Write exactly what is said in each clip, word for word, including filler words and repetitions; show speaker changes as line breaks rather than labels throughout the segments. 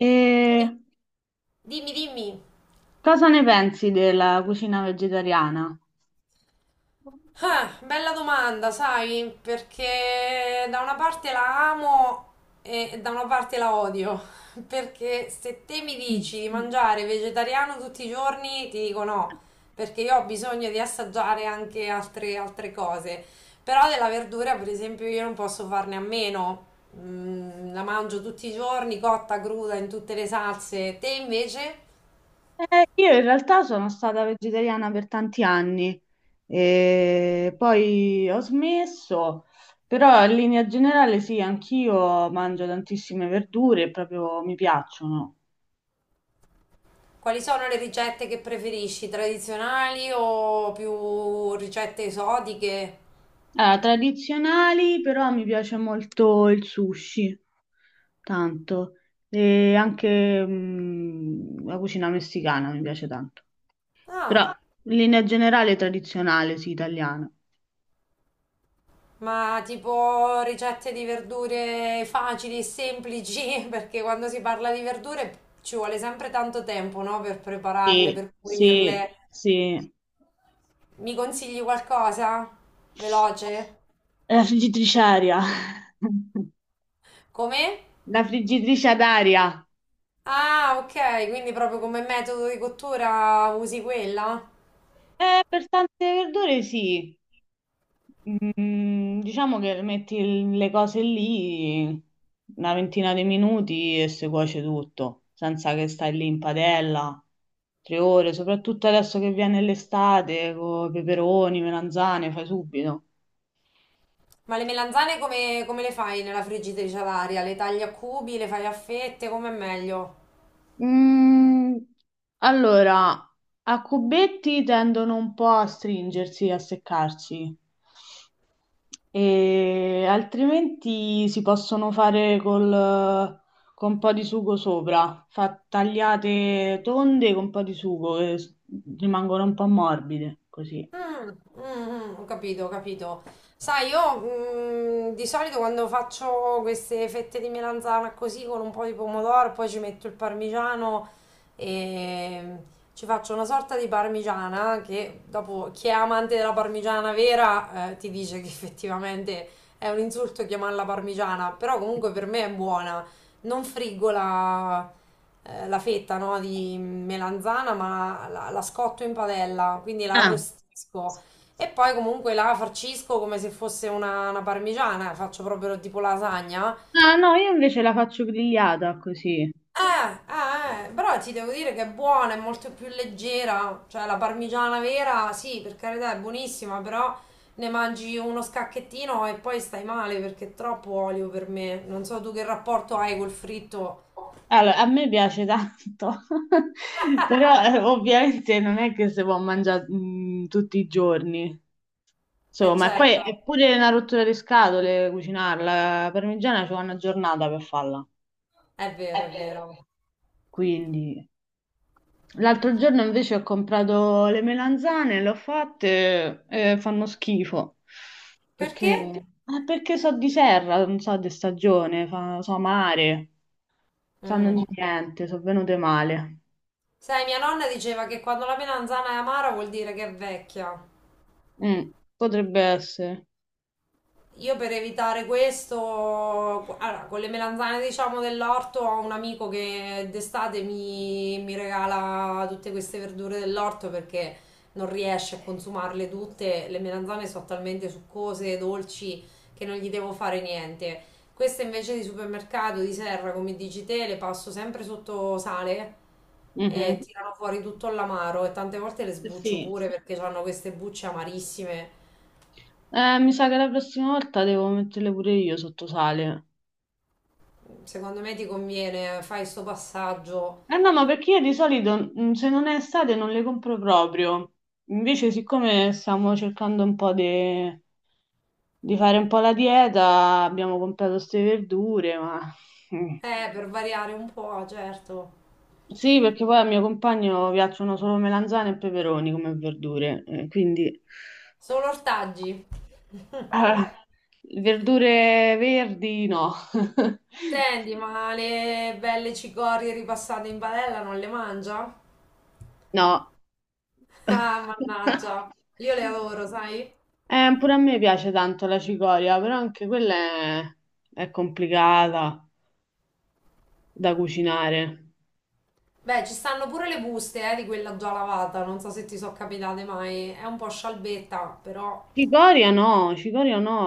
E
Dimmi, dimmi.
cosa ne pensi della cucina vegetariana?
Ah, bella domanda, sai, perché da una parte la amo e da una parte la odio. Perché se te mi
Mm.
dici di mangiare vegetariano tutti i giorni, ti dico no, perché io ho bisogno di assaggiare anche altre, altre cose. Però della verdura, per esempio, io non posso farne a meno. Mm, la mangio tutti i giorni, cotta, cruda, in tutte le salse. Te invece?
Io in realtà sono stata vegetariana per tanti anni e poi ho smesso, però in linea generale sì, anch'io mangio tantissime verdure, proprio mi piacciono.
Quali sono le ricette che preferisci? Tradizionali o più ricette esotiche?
Allora, tradizionali, però mi piace molto il sushi, tanto, e anche mm, la cucina messicana mi piace tanto. Però
Ah,
in linea generale tradizionale, sì, italiana.
ma tipo ricette di verdure facili e semplici, perché quando si parla di verdure ci vuole sempre tanto tempo, no? Per prepararle,
Sì,
per
sì,
pulirle.
sì.
Mi consigli qualcosa? Veloce?
La friggitrice aria.
Come?
La friggitrice ad aria.
Ah, ok, quindi proprio come metodo di cottura usi quella?
Eh, per tante verdure sì. Mm, diciamo che metti il- le cose lì una ventina di minuti e si cuoce tutto, senza che stai lì in padella tre ore, soprattutto adesso che viene l'estate, con peperoni, melanzane, fai subito.
Ma le melanzane come, come le fai nella friggitrice ad aria? Le tagli a cubi, le fai a fette, come è meglio?
Mm, allora, a cubetti tendono un po' a stringersi, a seccarsi, e altrimenti si possono fare col- con un po' di sugo sopra, fa- tagliate tonde con un po' di sugo e s- rimangono un po' morbide, così.
Mm, mm, mm, ho capito, ho capito. Sai, io mm, di solito quando faccio queste fette di melanzana così con un po' di pomodoro, poi ci metto il parmigiano e ci faccio una sorta di parmigiana che dopo chi è amante della parmigiana vera, eh, ti dice che effettivamente è un insulto chiamarla parmigiana, però comunque per me è buona. Non friggola, eh, la fetta, no, di melanzana, ma la, la scotto in padella, quindi la
Ah.
arrostisco e poi comunque la farcisco come se fosse una, una parmigiana, faccio proprio tipo lasagna.
Ah, no, io invece la faccio grigliata così.
Eh, eh, eh, però ti devo dire che è buona, è molto più leggera, cioè la parmigiana vera, sì, per carità è buonissima, però ne mangi uno scacchettino e poi stai male perché è troppo olio per me. Non so tu che rapporto hai col fritto.
Allora, a me piace tanto, però eh, ovviamente non è che si può mangiare mm, tutti i giorni,
Eh,
insomma, e eh, poi eh, è
certo,
pure una rottura di scatole cucinarla, la parmigiana ci vuole una giornata per farla,
è vero, è vero.
quindi... L'altro giorno invece ho comprato le melanzane, le ho fatte e fanno schifo, perché,
Perché?
eh, perché so di serra, non so di stagione, fa- so mare, sanno
Mm.
di niente, sono venute male.
Sai, mia nonna diceva che quando la melanzana è amara vuol dire che è vecchia.
Mm, potrebbe essere.
Io per evitare questo, allora, con le melanzane diciamo dell'orto ho un amico che d'estate mi, mi regala tutte queste verdure dell'orto perché non riesce a consumarle tutte, le melanzane sono talmente succose, dolci, che non gli devo fare niente. Queste invece di supermercato, di serra, come dici te, le passo sempre sotto sale e
Mhm.
tirano fuori tutto l'amaro e tante volte le
Eh,
sbuccio
sì.
pure perché hanno queste bucce amarissime,
Eh, mi sa che la prossima volta devo metterle pure io sotto sale.
secondo me ti conviene, fai sto passaggio.
Eh no, ma perché io di solito mm, se non è estate non le compro proprio. Invece, siccome stiamo cercando un po' di, di fare un po' la dieta, abbiamo comprato queste verdure, ma... mm.
Eh, per variare un po', certo.
Sì, perché poi al mio compagno piacciono solo melanzane e peperoni come verdure, eh, quindi
Solo ortaggi.
eh, verdure verdi no.
Senti, ma le belle cicorie ripassate in padella non le mangia?
No,
Ah, mannaggia. Io le adoro, sai?
eh, pure a me piace tanto la cicoria, però anche quella è, è complicata da cucinare.
Beh, ci stanno pure le buste, eh, di quella già lavata, non so se ti sono capitate mai. È un po' scialbetta, però
Cicoria no, cicoria no,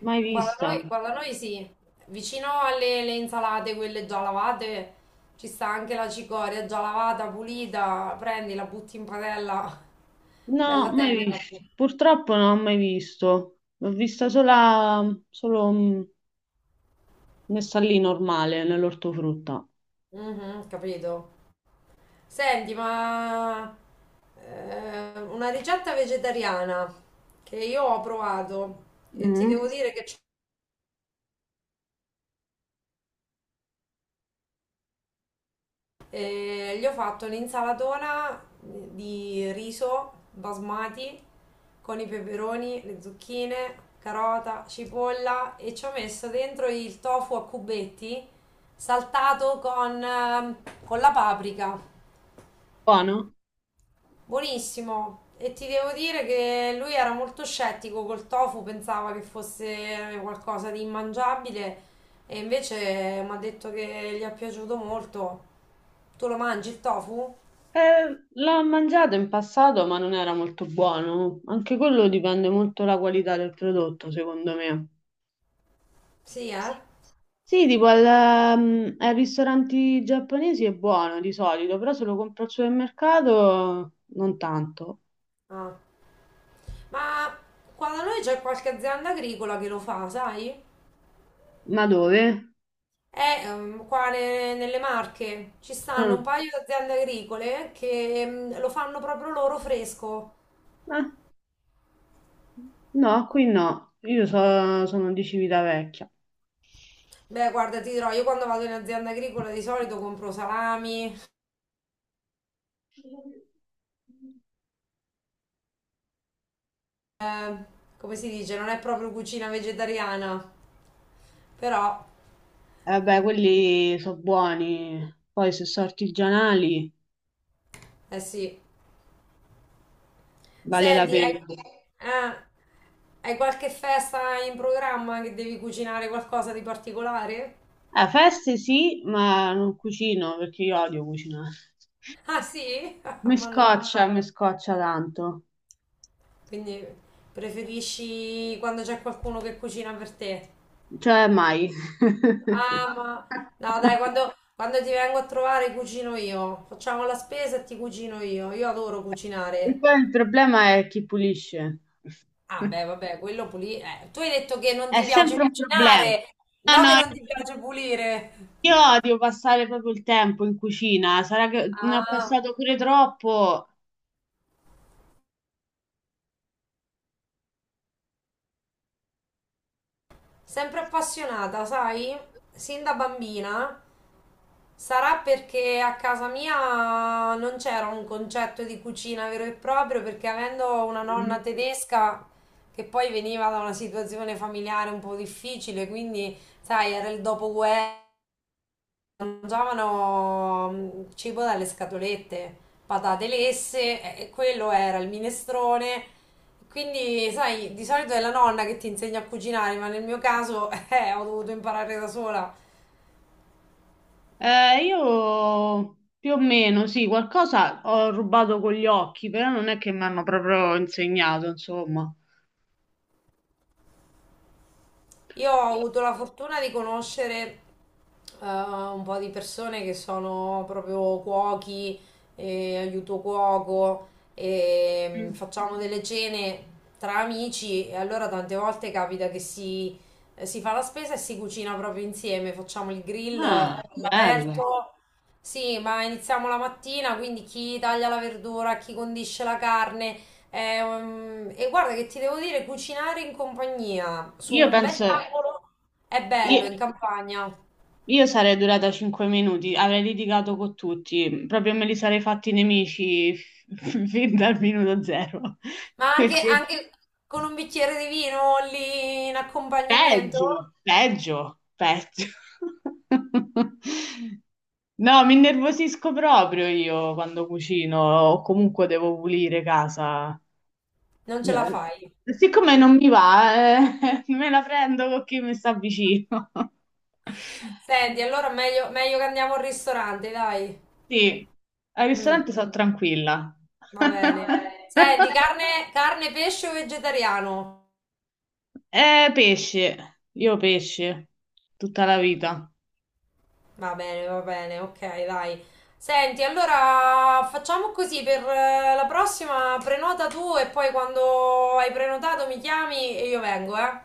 mai
qua da
vista.
noi, qua da noi sì, vicino alle alle insalate, quelle già lavate, ci sta anche la cicoria già lavata, pulita, prendi, la butti in padella,
No,
bella
mai
tenera.
vista. Purtroppo non ho mai visto. L'ho vista sola, solo mm, messa lì normale, nell'ortofrutta.
Mhm, capito. Senti, ma eh, una ricetta vegetariana che io ho provato e ti
Mm.
devo dire che c- eh, gli ho fatto un'insalatona di riso basmati con i peperoni, le zucchine, carota, cipolla e ci ho messo dentro il tofu a cubetti saltato con, ehm, con la paprika.
Buono?
Buonissimo. E ti devo dire che lui era molto scettico col tofu, pensava che fosse qualcosa di immangiabile e invece mi ha detto che gli è piaciuto molto. Tu lo mangi il tofu?
Eh, l'ho mangiato in passato, ma non era molto buono. Anche quello dipende molto dalla qualità del prodotto, secondo me.
Sì, eh?
Sì, tipo al, ehm, ai ristoranti giapponesi è buono di solito, però se lo compro al supermercato non tanto.
Ah. Ma qua da noi c'è qualche azienda agricola che lo fa, sai?
Ma dove?
Eh, ehm, qua ne- nelle Marche ci stanno un
Mm.
paio di aziende agricole che mm, lo fanno proprio loro fresco.
Ah, no, qui no. Io so- sono di Civitavecchia.
Beh, guarda, ti dirò, io quando vado in azienda agricola di solito compro salami, eh, come si dice, non è proprio cucina vegetariana, però,
Eh, Vabbè, quelli sono buoni. Poi se sono artigianali
eh, sì.
vale la
Senti, hai,
pena.
eh, hai qualche festa in programma che devi cucinare qualcosa di particolare?
Eh, feste sì, ma non cucino perché io odio cucinare.
Ah sì?
Mi
Mannaggia.
scoccia, mi scoccia tanto.
Quindi preferisci quando c'è qualcuno che cucina per te?
Cioè, mai.
Ah, ma no, dai, quando, quando ti vengo a trovare cucino io. Facciamo la spesa e ti cucino io. Io adoro
E
cucinare.
poi il problema è chi pulisce.
Ah, beh, vabbè, quello pulire. Eh, tu hai detto che non
È
ti
sempre
piace
un problema.
cucinare,
Ah,
no che
no,
non ti piace pulire.
io odio passare proprio il tempo in cucina. Sarà che ne ho
Ah.
passato pure troppo.
Sempre appassionata, sai? Sin da bambina. Sarà perché a casa mia non c'era un concetto di cucina vero e proprio, perché avendo una nonna tedesca che poi veniva da una situazione familiare un po' difficile, quindi, sai, era il dopoguerra. Mangiavano mm, cibo dalle scatolette, patate lesse, e quello era il minestrone. Quindi, sai, di solito è la nonna che ti insegna a cucinare, ma nel mio caso, eh, ho dovuto imparare da sola.
Eh, io più o meno, sì, qualcosa ho rubato con gli occhi, però non è che mi hanno proprio insegnato, insomma.
Io ho avuto la fortuna di conoscere, eh, un po' di persone che sono proprio cuochi, eh, aiuto cuoco, e, mm,
Mm.
facciamo delle cene tra amici e allora tante volte capita che si, eh, si fa la spesa e si cucina proprio insieme, facciamo il grill, eh,
Ah, bello.
all'aperto. Sì, ma iniziamo la mattina, quindi chi taglia la verdura, chi condisce la carne, eh, um, e guarda che ti devo dire, cucinare in compagnia su
Io
un bel
penso,
tavolo è bello
io,
in campagna,
Io sarei durata cinque minuti, avrei litigato con tutti, proprio me li sarei fatti nemici f- fin dal minuto zero.
ma anche,
Perché
anche con un bicchiere di vino lì in accompagnamento
peggio, peggio, peggio. No, mi innervosisco proprio io quando cucino o comunque devo pulire casa.
non ce la
Eh,
fai.
Siccome non mi va, eh, me la prendo con chi mi sta vicino.
Senti, allora meglio, meglio che andiamo al ristorante, dai.
Sì, al
Mm,
ristorante sono tranquilla.
va bene. Senti,
Vabbè.
carne, carne, pesce o vegetariano?
Eh, pesce, io pesce, tutta la vita.
Va bene, va bene, ok, dai. Senti, allora facciamo così per, eh, la prossima, prenota tu e poi quando hai prenotato mi chiami e io vengo, eh?